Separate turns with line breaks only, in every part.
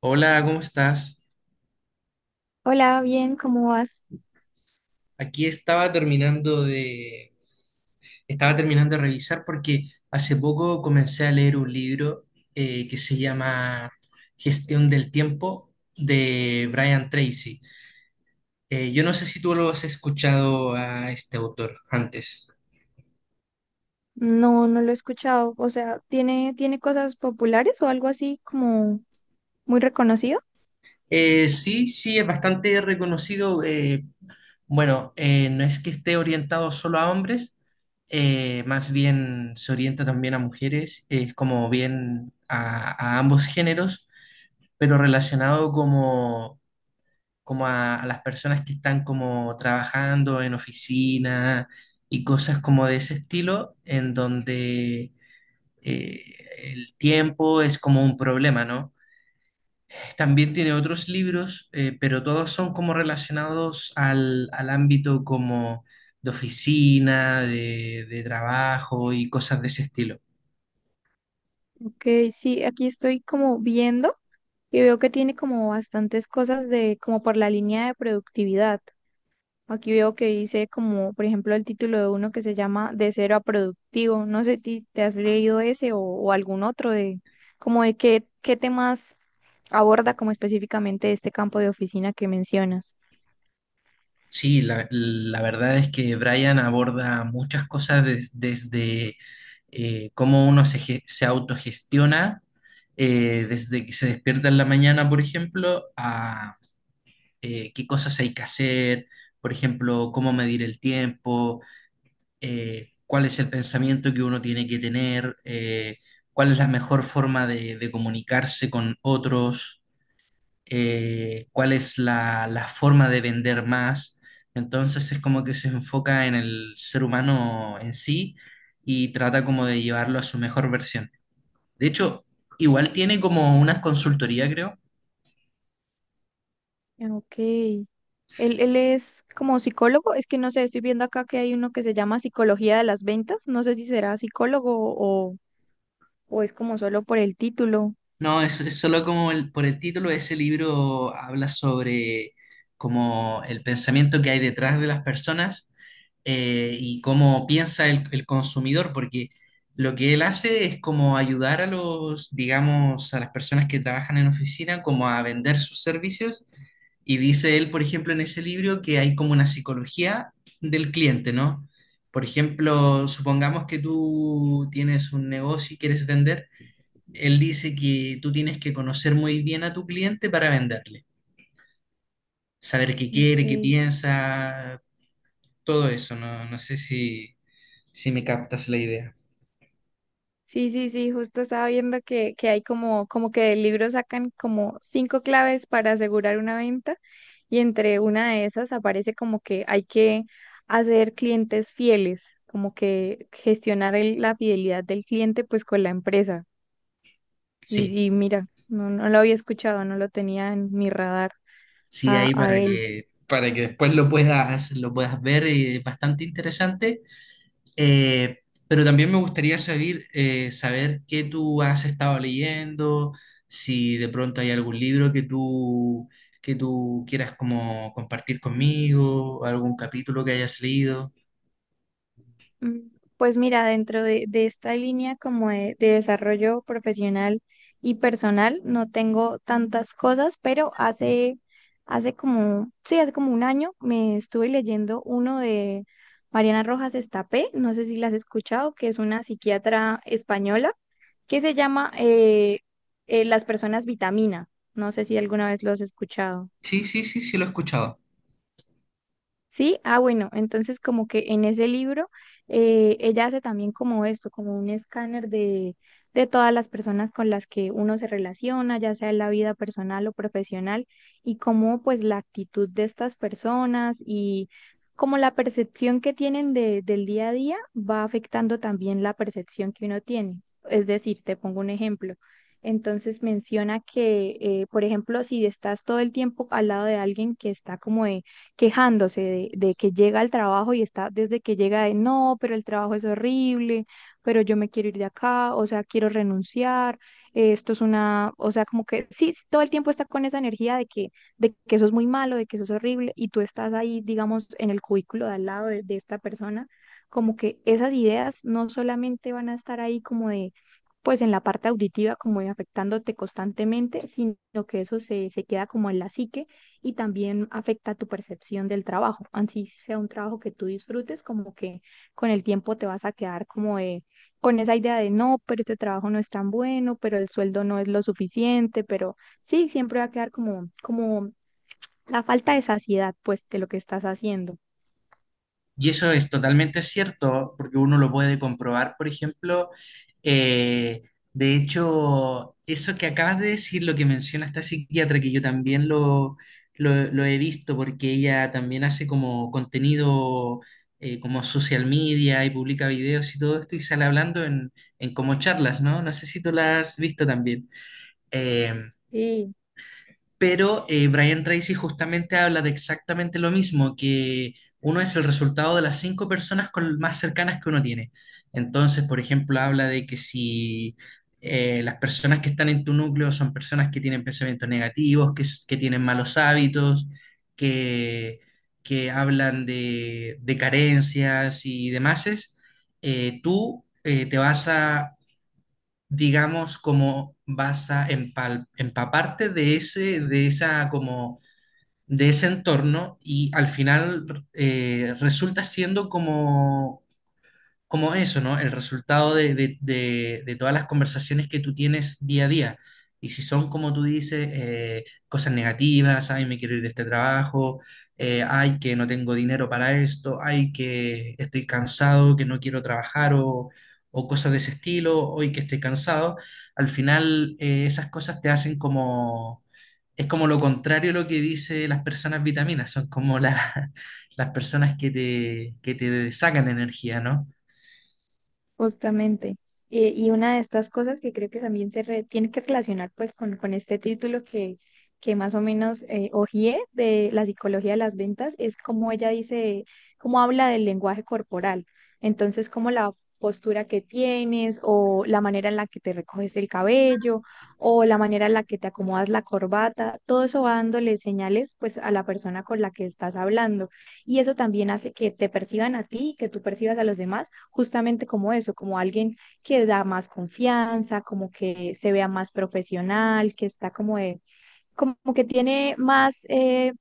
Hola, ¿cómo estás?
Hola, bien, ¿cómo vas?
Aquí estaba terminando de revisar porque hace poco comencé a leer un libro que se llama Gestión del Tiempo de Brian Tracy. Yo no sé si tú lo has escuchado a este autor antes.
No, no lo he escuchado. O sea, ¿tiene cosas populares o algo así como muy reconocido?
Sí, sí, es bastante reconocido. Bueno, no es que esté orientado solo a hombres, más bien se orienta también a mujeres, es como bien a ambos géneros, pero relacionado como, como a las personas que están como trabajando en oficina y cosas como de ese estilo, en donde eh, el tiempo es como un problema, ¿no? También tiene otros libros, pero todos son como relacionados al, al ámbito como de oficina, de trabajo y cosas de ese estilo.
Que sí, aquí estoy como viendo y veo que tiene como bastantes cosas de, como por la línea de productividad. Aquí veo que dice como, por ejemplo, el título de uno que se llama De cero a productivo. No sé, ¿te has leído ese o algún otro de, como de qué, qué temas aborda como específicamente este campo de oficina que mencionas?
Sí, la verdad es que Brian aborda muchas cosas desde cómo uno se, se autogestiona, desde que se despierta en la mañana, por ejemplo, a qué cosas hay que hacer, por ejemplo, cómo medir el tiempo cuál es el pensamiento que uno tiene que tener, cuál es la mejor forma de comunicarse con otros, cuál es la, la forma de vender más. Entonces es como que se enfoca en el ser humano en sí y trata como de llevarlo a su mejor versión. De hecho, igual tiene como una consultoría, creo.
Ah, ok. Él es como psicólogo, es que no sé, estoy viendo acá que hay uno que se llama Psicología de las Ventas, no sé si será psicólogo o es como solo por el título.
No, es solo como por el título, ese libro habla sobre como el pensamiento que hay detrás de las personas y cómo piensa el consumidor, porque lo que él hace es como ayudar a los, digamos, a las personas que trabajan en oficina, como a vender sus servicios. Y dice él, por ejemplo, en ese libro que hay como una psicología del cliente, ¿no? Por ejemplo, supongamos que tú tienes un negocio y quieres vender. Él dice que tú tienes que conocer muy bien a tu cliente para venderle, saber qué quiere, qué
Ok.
piensa, todo eso, no, no sé si, si me captas la idea.
Sí, sí, sí, justo estaba viendo que hay como, como que del libro sacan como cinco claves para asegurar una venta y entre una de esas aparece como que hay que hacer clientes fieles, como que gestionar la fidelidad del cliente pues con la empresa.
Sí,
Y mira, no, no lo había escuchado, no lo tenía en mi radar
sí, ahí
a él.
para que después lo puedas ver y es bastante interesante. Eh, pero también me gustaría saber, saber qué tú has estado leyendo, si de pronto hay algún libro que tú quieras como compartir conmigo, algún capítulo que hayas leído.
Mm, pues mira, dentro de esta línea como de desarrollo profesional y personal, no tengo tantas cosas, pero hace, hace como, sí, hace como un año me estuve leyendo uno de Mariana Rojas Estapé, no sé si la has escuchado, que es una psiquiatra española, que se llama Las personas vitamina. No sé si alguna vez lo has escuchado.
Sí, sí, sí, sí, lo he escuchado.
Sí, ah, bueno, entonces como que en ese libro ella hace también como esto, como un escáner de todas las personas con las que uno se relaciona, ya sea en la vida personal o profesional, y cómo pues la actitud de estas personas y como la percepción que tienen de, del día a día va afectando también la percepción que uno tiene. Es decir, te pongo un ejemplo. Entonces menciona que, por ejemplo, si estás todo el tiempo al lado de alguien que está como quejándose de que llega al trabajo y está desde que llega de no, pero el trabajo es horrible, pero yo me quiero ir de acá, o sea, quiero renunciar, esto es una, o sea, como que sí, todo el tiempo está con esa energía de que eso es muy malo, de que eso es horrible, y tú estás ahí, digamos, en el cubículo de al lado de esta persona, como que esas ideas no solamente van a estar ahí como de pues en la parte auditiva como de afectándote constantemente, sino que eso se, se queda como en la psique y también afecta tu percepción del trabajo. Así sea un trabajo que tú disfrutes, como que con el tiempo te vas a quedar como de, con esa idea de no, pero este trabajo no es tan bueno, pero el sueldo no es lo suficiente, pero sí, siempre va a quedar como, como la falta de saciedad, pues, de lo que estás haciendo.
Y eso es totalmente cierto, porque uno lo puede comprobar, por ejemplo, eh, de hecho, eso que acabas de decir, lo que menciona esta psiquiatra, que yo también lo, lo he visto, porque ella también hace como contenido como social media y publica videos y todo esto, y sale hablando en como charlas, ¿no? No sé si tú la has visto también. Eh,
Sí,
pero Brian Tracy justamente habla de exactamente lo mismo, que uno es el resultado de las cinco personas más cercanas que uno tiene. Entonces, por ejemplo, habla de que si las personas que están en tu núcleo son personas que tienen pensamientos negativos, que, que tienen malos hábitos, que, que hablan de carencias y demás, tú te vas a digamos, como vas a empaparte de ese, de esa, como, de ese entorno y al final resulta siendo como como eso, ¿no? El resultado de, de todas las conversaciones que tú tienes día a día. Y si son, como tú dices, cosas negativas, ay, me quiero ir de este trabajo, ay, que no tengo dinero para esto, ay, que estoy cansado, que no quiero trabajar o cosas de ese estilo, hoy que estoy cansado, al final esas cosas te hacen como... Es como lo contrario a lo que dice las personas vitaminas, son como las personas que te sacan energía, ¿no?
justamente. Y una de estas cosas que creo que también tiene que relacionar pues con este título que más o menos hojeé de la psicología de las ventas es como ella dice, cómo habla del lenguaje corporal. Entonces, como la postura que tienes o la manera en la que te recoges el cabello o la manera en la que te acomodas la corbata, todo eso va dándole señales pues a la persona con la que estás hablando. Y eso también hace que te perciban a ti, que tú percibas a los demás justamente como eso, como alguien que da más confianza, como que se vea más profesional, que está como de, como que tiene más,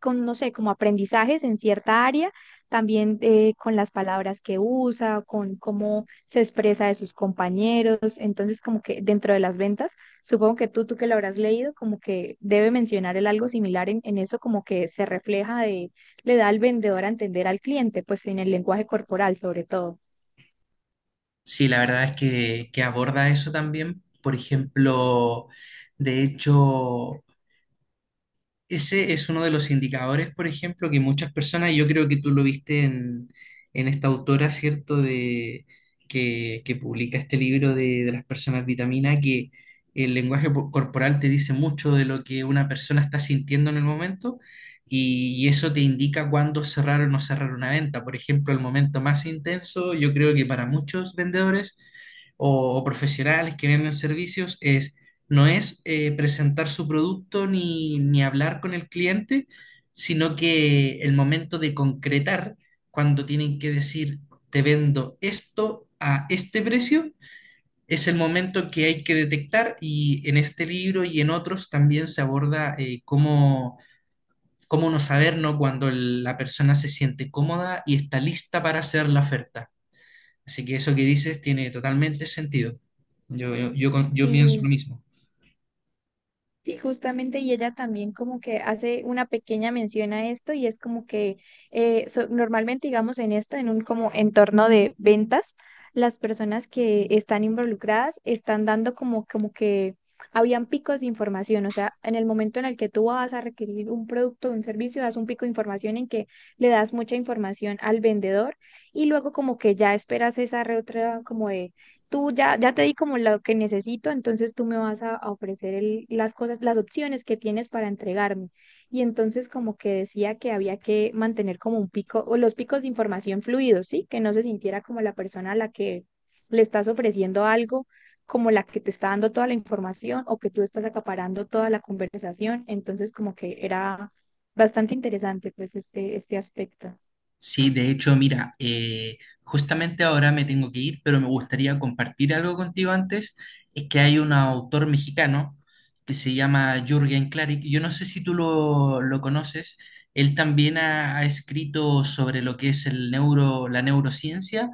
con, no sé, como aprendizajes en cierta área, también con las palabras que usa, con cómo se expresa de sus compañeros. Entonces, como que dentro de las ventas, supongo que tú que lo habrás leído, como que debe mencionar el algo similar en eso, como que se refleja de, le da al vendedor a entender al cliente, pues en el lenguaje corporal sobre todo.
Sí, la verdad es que aborda eso también. Por ejemplo, de hecho, ese es uno de los indicadores, por ejemplo, que muchas personas, yo creo que tú lo viste en esta autora, ¿cierto?, de, que publica este libro de las personas vitamina, que el lenguaje corporal te dice mucho de lo que una persona está sintiendo en el momento y eso te indica cuándo cerrar o no cerrar una venta. Por ejemplo, el momento más intenso, yo creo que para muchos vendedores o profesionales que venden servicios es no es presentar su producto ni, ni hablar con el cliente, sino que el momento de concretar, cuando tienen que decir, te vendo esto a este precio, es el momento que hay que detectar y en este libro y en otros también se aborda cómo, cómo no saber, ¿no? cuando la persona se siente cómoda y está lista para hacer la oferta. Así que eso que dices tiene totalmente sentido. Yo yo pienso
Sí,
lo mismo.
sí, justamente, y ella también como que hace una pequeña mención a esto y es como que normalmente, digamos, en esto, en un como entorno de ventas, las personas que están involucradas están dando como, como que habían picos de información, o sea, en el momento en el que tú vas a requerir un producto o un servicio, das un pico de información en que le das mucha información al vendedor y luego como que ya esperas esa reotra como tú ya, ya te di como lo que necesito, entonces tú me vas a ofrecer las cosas, las opciones que tienes para entregarme. Y entonces como que decía que había que mantener como un pico o los picos de información fluidos, ¿sí? Que no se sintiera como la persona a la que le estás ofreciendo algo, como la que te está dando toda la información o que tú estás acaparando toda la conversación. Entonces como que era bastante interesante pues este aspecto.
Sí, de hecho, mira, justamente ahora me tengo que ir, pero me gustaría compartir algo contigo antes. Es que hay un autor mexicano que se llama Jürgen Klarik. Yo no sé si tú lo conoces. Él también ha, ha escrito sobre lo que es el neuro, la neurociencia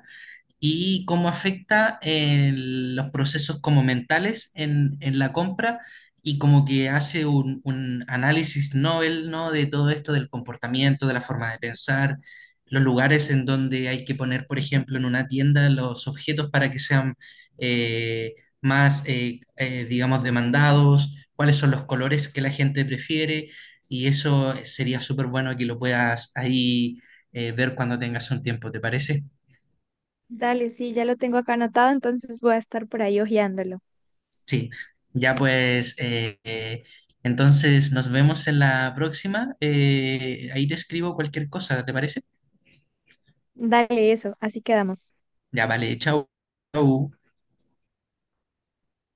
y cómo afecta en los procesos como mentales en la compra y como que hace un análisis novel, ¿no? De todo esto del comportamiento, de la forma de pensar, los lugares en donde hay que poner, por ejemplo, en una tienda los objetos para que sean eh, más, digamos, demandados, cuáles son los colores que la gente prefiere y eso sería súper bueno que lo puedas ahí ver cuando tengas un tiempo, ¿te parece?
Dale, sí, ya lo tengo acá anotado, entonces voy a estar por ahí hojeándolo.
Sí, ya pues, entonces nos vemos en la próxima. Ahí te escribo cualquier cosa, ¿te parece?
Dale eso, así quedamos.
Ya vale, chao. Chao.